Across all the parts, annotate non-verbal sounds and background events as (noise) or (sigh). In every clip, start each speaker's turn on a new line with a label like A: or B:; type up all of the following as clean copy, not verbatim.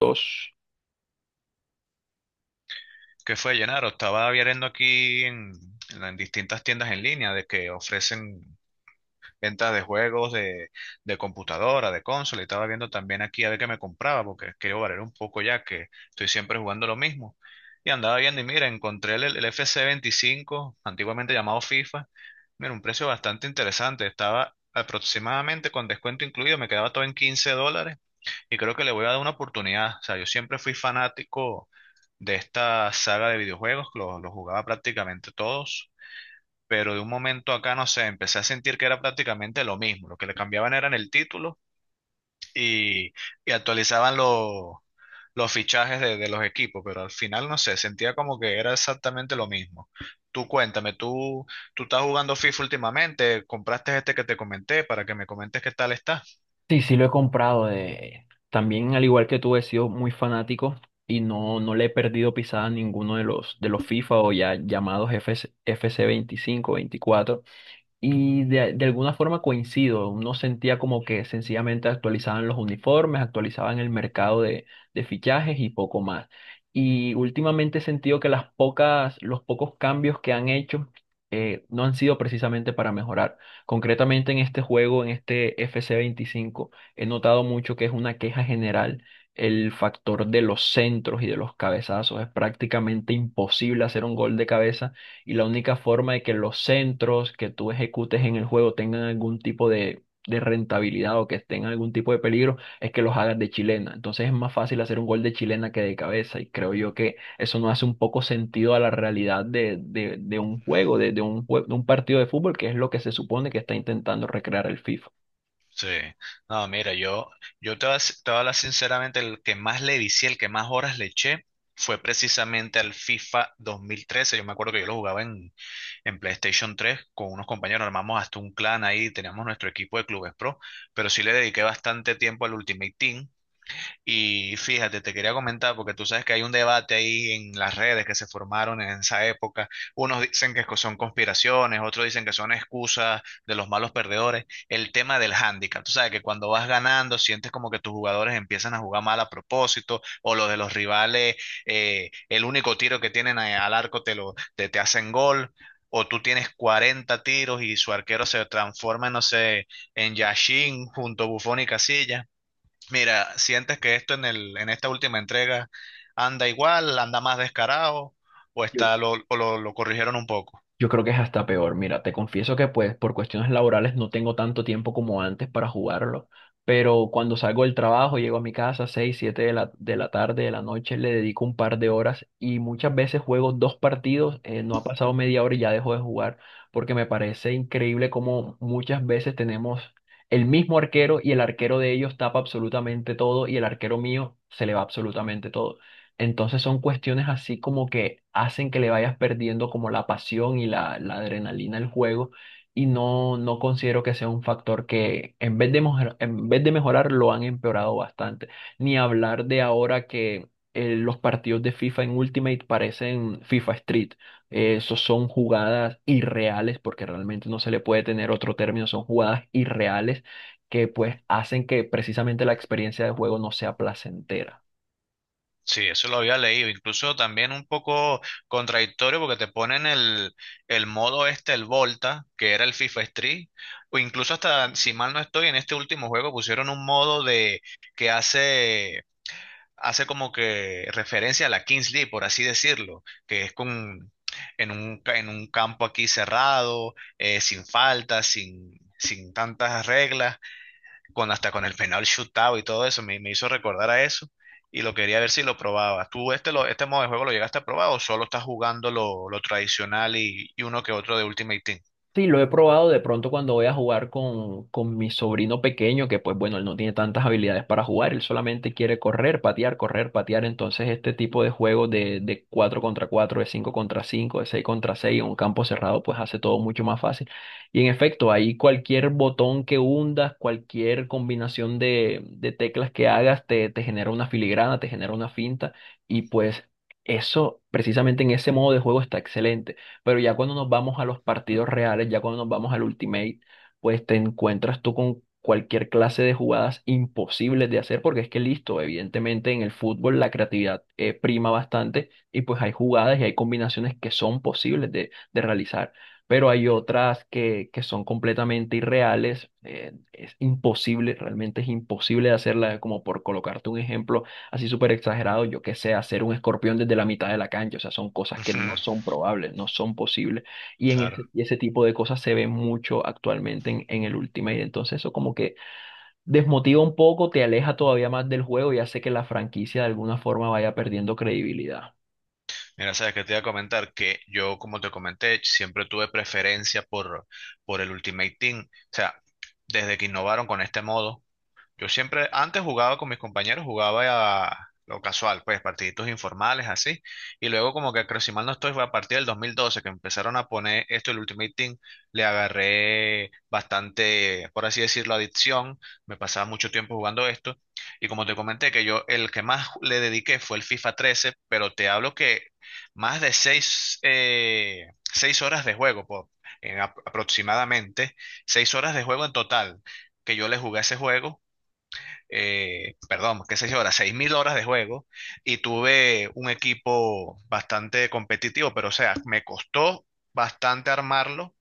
A: Dos.
B: ¿Qué fue, Llenaro? Estaba viendo aquí en las distintas tiendas en línea de que ofrecen ventas de juegos de computadora, de consola, y estaba viendo también aquí a ver qué me compraba, porque quiero variar un poco ya que estoy siempre jugando lo mismo. Y andaba viendo y mira, encontré el FC 25, antiguamente llamado FIFA. Mira, un precio bastante interesante. Estaba aproximadamente con descuento incluido, me quedaba todo en $15 y creo que le voy a dar una oportunidad. O sea, yo siempre fui fanático de esta saga de videojuegos, los jugaba prácticamente todos, pero de un momento acá, no sé, empecé a sentir que era prácticamente lo mismo. Lo que le cambiaban eran el título y, y actualizaban los fichajes de los equipos, pero al final, no sé, sentía como que era exactamente lo mismo. Tú cuéntame, tú estás jugando FIFA últimamente, compraste este que te comenté para que me comentes qué tal está.
A: Sí, sí lo he comprado. También, al igual que tú, he sido muy fanático y no, no le he perdido pisada a ninguno de de los FIFA o ya llamados F C F C 25 24. Y de alguna forma coincido, uno sentía como que sencillamente actualizaban los uniformes, actualizaban el mercado de fichajes y poco más. Y últimamente he sentido que los pocos cambios que han hecho no han sido precisamente para mejorar. Concretamente en este juego, en este FC25, he notado mucho que es una queja general el factor de los centros y de los cabezazos. Es prácticamente imposible hacer un gol de cabeza y la única forma de que los centros que tú ejecutes en el juego tengan algún tipo de rentabilidad o que tengan algún tipo de peligro es que los hagas de chilena. Entonces es más fácil hacer un gol de chilena que de cabeza y creo yo que eso no hace un poco sentido a la realidad de un juego, de un de un partido de fútbol, que es lo que se supone que está intentando recrear el FIFA.
B: Sí, no, mira, yo te voy a s- te voy a hablar sinceramente, el que más le vicié, el que más horas le eché, fue precisamente al FIFA 2013. Yo me acuerdo que yo lo jugaba en PlayStation 3 con unos compañeros, armamos hasta un clan ahí, teníamos nuestro equipo de clubes pro, pero sí le dediqué bastante tiempo al Ultimate Team, y fíjate, te quería comentar, porque tú sabes que hay un debate ahí en las redes que se formaron en esa época. Unos dicen que son conspiraciones, otros dicen que son excusas de los malos perdedores. El tema del hándicap, tú sabes que cuando vas ganando sientes como que tus jugadores empiezan a jugar mal a propósito, o los de los rivales, el único tiro que tienen al arco te hacen gol. O tú tienes 40 tiros y su arquero se transforma, no sé, en Yashin junto a Buffon y Casilla. Mira, ¿sientes que esto en esta última entrega anda igual, anda más descarado o
A: Yo
B: está lo, o lo, lo corrigieron un poco?
A: Yo creo que es hasta peor. Mira, te confieso que pues por cuestiones laborales no tengo tanto tiempo como antes para jugarlo, pero cuando salgo del trabajo, llego a mi casa 6, 7 de de la tarde, de la noche, le dedico un par de horas y muchas veces juego dos partidos, no ha pasado media hora y ya dejo de jugar, porque me parece increíble cómo muchas veces tenemos el mismo arquero y el arquero de ellos tapa absolutamente todo y el arquero mío se le va absolutamente todo. Entonces son cuestiones así como que hacen que le vayas perdiendo como la pasión y la adrenalina del juego y no, no considero que sea un factor que en vez de en vez de mejorar lo han empeorado bastante. Ni hablar de ahora que los partidos de FIFA en Ultimate parecen FIFA Street. Esos son jugadas irreales porque realmente no se le puede tener otro término, son jugadas irreales que pues hacen que precisamente la experiencia de juego no sea placentera.
B: Sí, eso lo había leído, incluso también un poco contradictorio porque te ponen el modo este, el Volta, que era el FIFA Street, o incluso hasta, si mal no estoy, en este último juego pusieron un modo de que hace como que referencia a la Kingsley por así decirlo, que es con, en un, en un campo aquí cerrado, sin faltas, sin tantas reglas, con, hasta con el penal shootout y todo eso, me hizo recordar a eso y lo quería ver si lo probaba. ¿Tú este modo de juego lo llegaste a probar o solo estás jugando lo tradicional y uno que otro de Ultimate Team?
A: Sí, lo he probado de pronto cuando voy a jugar con mi sobrino pequeño, que pues bueno, él no tiene tantas habilidades para jugar, él solamente quiere correr, patear, correr, patear. Entonces este tipo de juegos de 4 contra 4 de 5 contra 5 de 6 contra 6 en un campo cerrado, pues hace todo mucho más fácil. Y en efecto, ahí cualquier botón que hundas, cualquier combinación de teclas que hagas, te genera una filigrana, te genera una finta y pues... Eso, precisamente en ese modo de juego está excelente. Pero ya cuando nos vamos a los partidos reales, ya cuando nos vamos al Ultimate, pues te encuentras tú con cualquier clase de jugadas imposibles de hacer, porque es que listo, evidentemente en el fútbol la creatividad prima bastante y pues hay jugadas y hay combinaciones que son posibles de realizar. Pero hay otras que son completamente irreales, es imposible, realmente es imposible de hacerla, como por colocarte un ejemplo, así súper exagerado, yo qué sé, hacer un escorpión desde la mitad de la cancha, o sea, son cosas que no
B: (laughs)
A: son probables, no son posibles, y en
B: Claro.
A: y ese tipo de cosas se ve mucho actualmente en el Ultimate, entonces eso como que desmotiva un poco, te aleja todavía más del juego y hace que la franquicia de alguna forma vaya perdiendo credibilidad.
B: Mira, sabes que te iba a comentar que yo, como te comenté, siempre tuve preferencia por el Ultimate Team. O sea, desde que innovaron con este modo. Yo siempre, antes jugaba con mis compañeros, jugaba a lo casual, pues partiditos informales así. Y luego como que creo, si mal no estoy, fue a partir del 2012 que empezaron a poner esto, el Ultimate Team, le agarré bastante, por así decirlo, adicción. Me pasaba mucho tiempo jugando esto. Y como te comenté, que yo el que más le dediqué fue el FIFA 13, pero te hablo que más de seis, 6 horas de juego, en aproximadamente, 6 horas de juego en total que yo le jugué a ese juego, perdón, qué sé yo, ahora, 6000 horas de juego, y tuve un equipo bastante competitivo, pero o sea, me costó bastante armarlo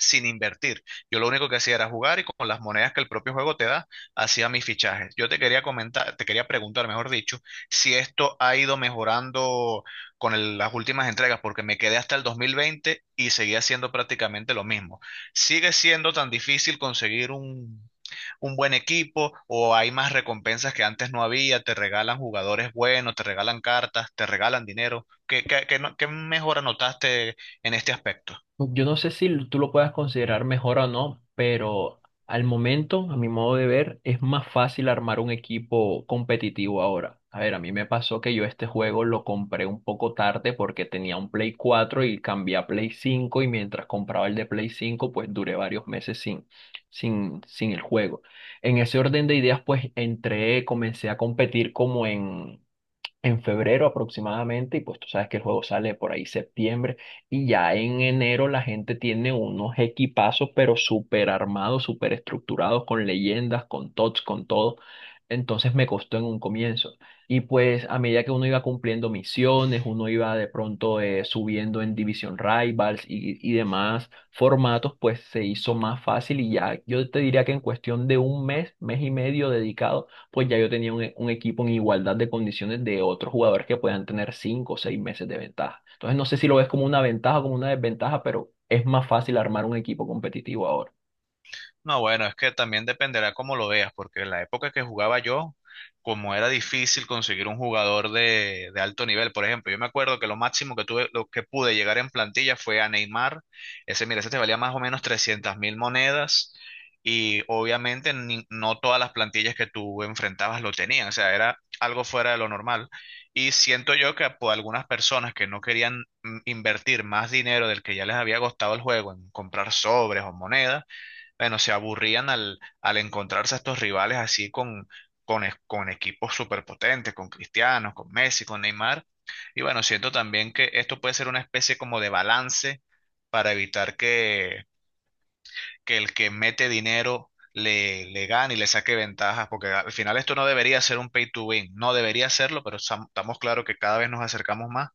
B: sin invertir. Yo lo único que hacía era jugar y con las monedas que el propio juego te da, hacía mis fichajes. Yo te quería comentar, te quería preguntar, mejor dicho, si esto ha ido mejorando las últimas entregas, porque me quedé hasta el 2020 y seguía siendo prácticamente lo mismo. ¿Sigue siendo tan difícil conseguir un buen equipo o hay más recompensas que antes no había? ¿Te regalan jugadores buenos, te regalan cartas, te regalan dinero? ¿ qué no- qué mejora notaste en este aspecto?
A: Yo no sé si tú lo puedas considerar mejor o no, pero al momento, a mi modo de ver, es más fácil armar un equipo competitivo ahora. A ver, a mí me pasó que yo este juego lo compré un poco tarde porque tenía un Play 4 y cambié a Play 5 y mientras compraba el de Play 5 pues duré varios meses sin, sin el juego. En ese orden de ideas, pues entré, comencé a competir como en febrero aproximadamente, y pues tú sabes que el juego sale por ahí septiembre, y ya en enero la gente tiene unos equipazos, pero súper armados, súper estructurados, con leyendas, con tots, con todo. Entonces me costó en un comienzo. Y pues a medida que uno iba cumpliendo misiones, uno iba de pronto subiendo en Division Rivals y demás formatos, pues se hizo más fácil y ya yo te diría que en cuestión de un mes, mes y medio dedicado, pues ya yo tenía un, un equipo en igualdad de condiciones de otros jugadores que puedan tener cinco o seis meses de ventaja. Entonces no sé si lo ves como una ventaja o como una desventaja, pero es más fácil armar un equipo competitivo ahora.
B: No, bueno, es que también dependerá cómo lo veas, porque en la época que jugaba yo, como era difícil conseguir un jugador de alto nivel, por ejemplo, yo me acuerdo que lo máximo que tuve, lo que pude llegar en plantilla fue a Neymar, ese, mira, ese te valía más o menos 300.000 monedas, y obviamente no todas las plantillas que tú enfrentabas lo tenían, o sea, era algo fuera de lo normal, y siento yo que por algunas personas que no querían invertir más dinero del que ya les había costado el juego en comprar sobres o monedas, bueno, se aburrían al encontrarse a estos rivales así con, con equipos superpotentes, con Cristiano, con Messi, con Neymar. Y bueno, siento también que esto puede ser una especie como de balance para evitar que el que mete dinero le gane y le saque ventajas, porque al final esto no debería ser un pay to win, no debería serlo, pero estamos claros que cada vez nos acercamos más.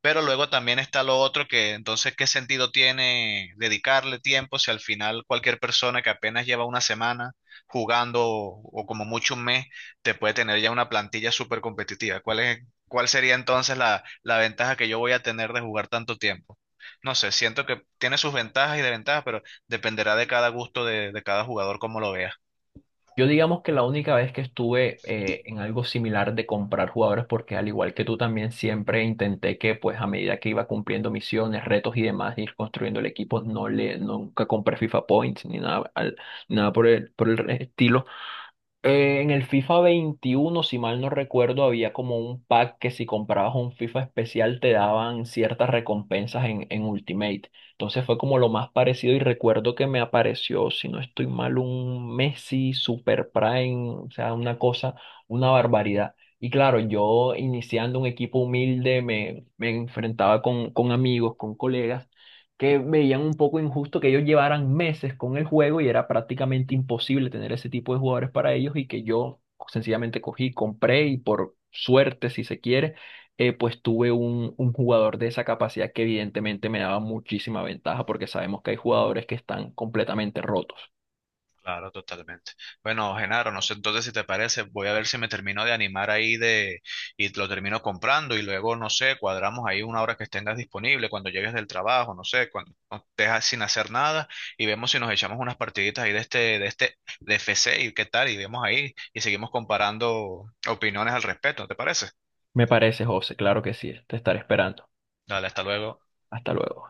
B: Pero luego también está lo otro que entonces, ¿qué sentido tiene dedicarle tiempo si al final cualquier persona que apenas lleva una semana jugando o como mucho un mes, te puede tener ya una plantilla súper competitiva? ¿ cuál sería entonces la ventaja que yo voy a tener de jugar tanto tiempo? No sé, siento que tiene sus ventajas y desventajas, pero dependerá de cada gusto de cada jugador cómo lo vea.
A: Yo digamos que la única vez que estuve en algo similar de comprar jugadores, porque al igual que tú también siempre intenté que pues a medida que iba cumpliendo misiones, retos y demás, ir construyendo el equipo, nunca compré FIFA Points ni nada, nada por el, por el estilo. En el FIFA 21, si mal no recuerdo, había como un pack que si comprabas un FIFA especial te daban ciertas recompensas en Ultimate. Entonces fue como lo más parecido y recuerdo que me apareció, si no estoy mal, un Messi Super Prime, o sea, una cosa, una barbaridad. Y claro, yo iniciando un equipo humilde me enfrentaba con amigos, con colegas que veían un poco injusto que ellos llevaran meses con el juego y era prácticamente imposible tener ese tipo de jugadores para ellos y que yo sencillamente cogí, compré y por suerte, si se quiere, pues tuve un jugador de esa capacidad que evidentemente me daba muchísima ventaja porque sabemos que hay jugadores que están completamente rotos.
B: Claro, totalmente. Bueno, Genaro, no sé entonces si te parece, voy a ver si me termino de animar ahí de y lo termino comprando y luego, no sé, cuadramos ahí una hora que tengas disponible cuando llegues del trabajo, no sé, cuando estés sin hacer nada y vemos si nos echamos unas partiditas ahí de este, de FC y qué tal, y vemos ahí y seguimos comparando opiniones al respecto, ¿te parece?
A: Me parece, José, claro que sí, te estaré esperando.
B: Dale, hasta luego.
A: Hasta luego.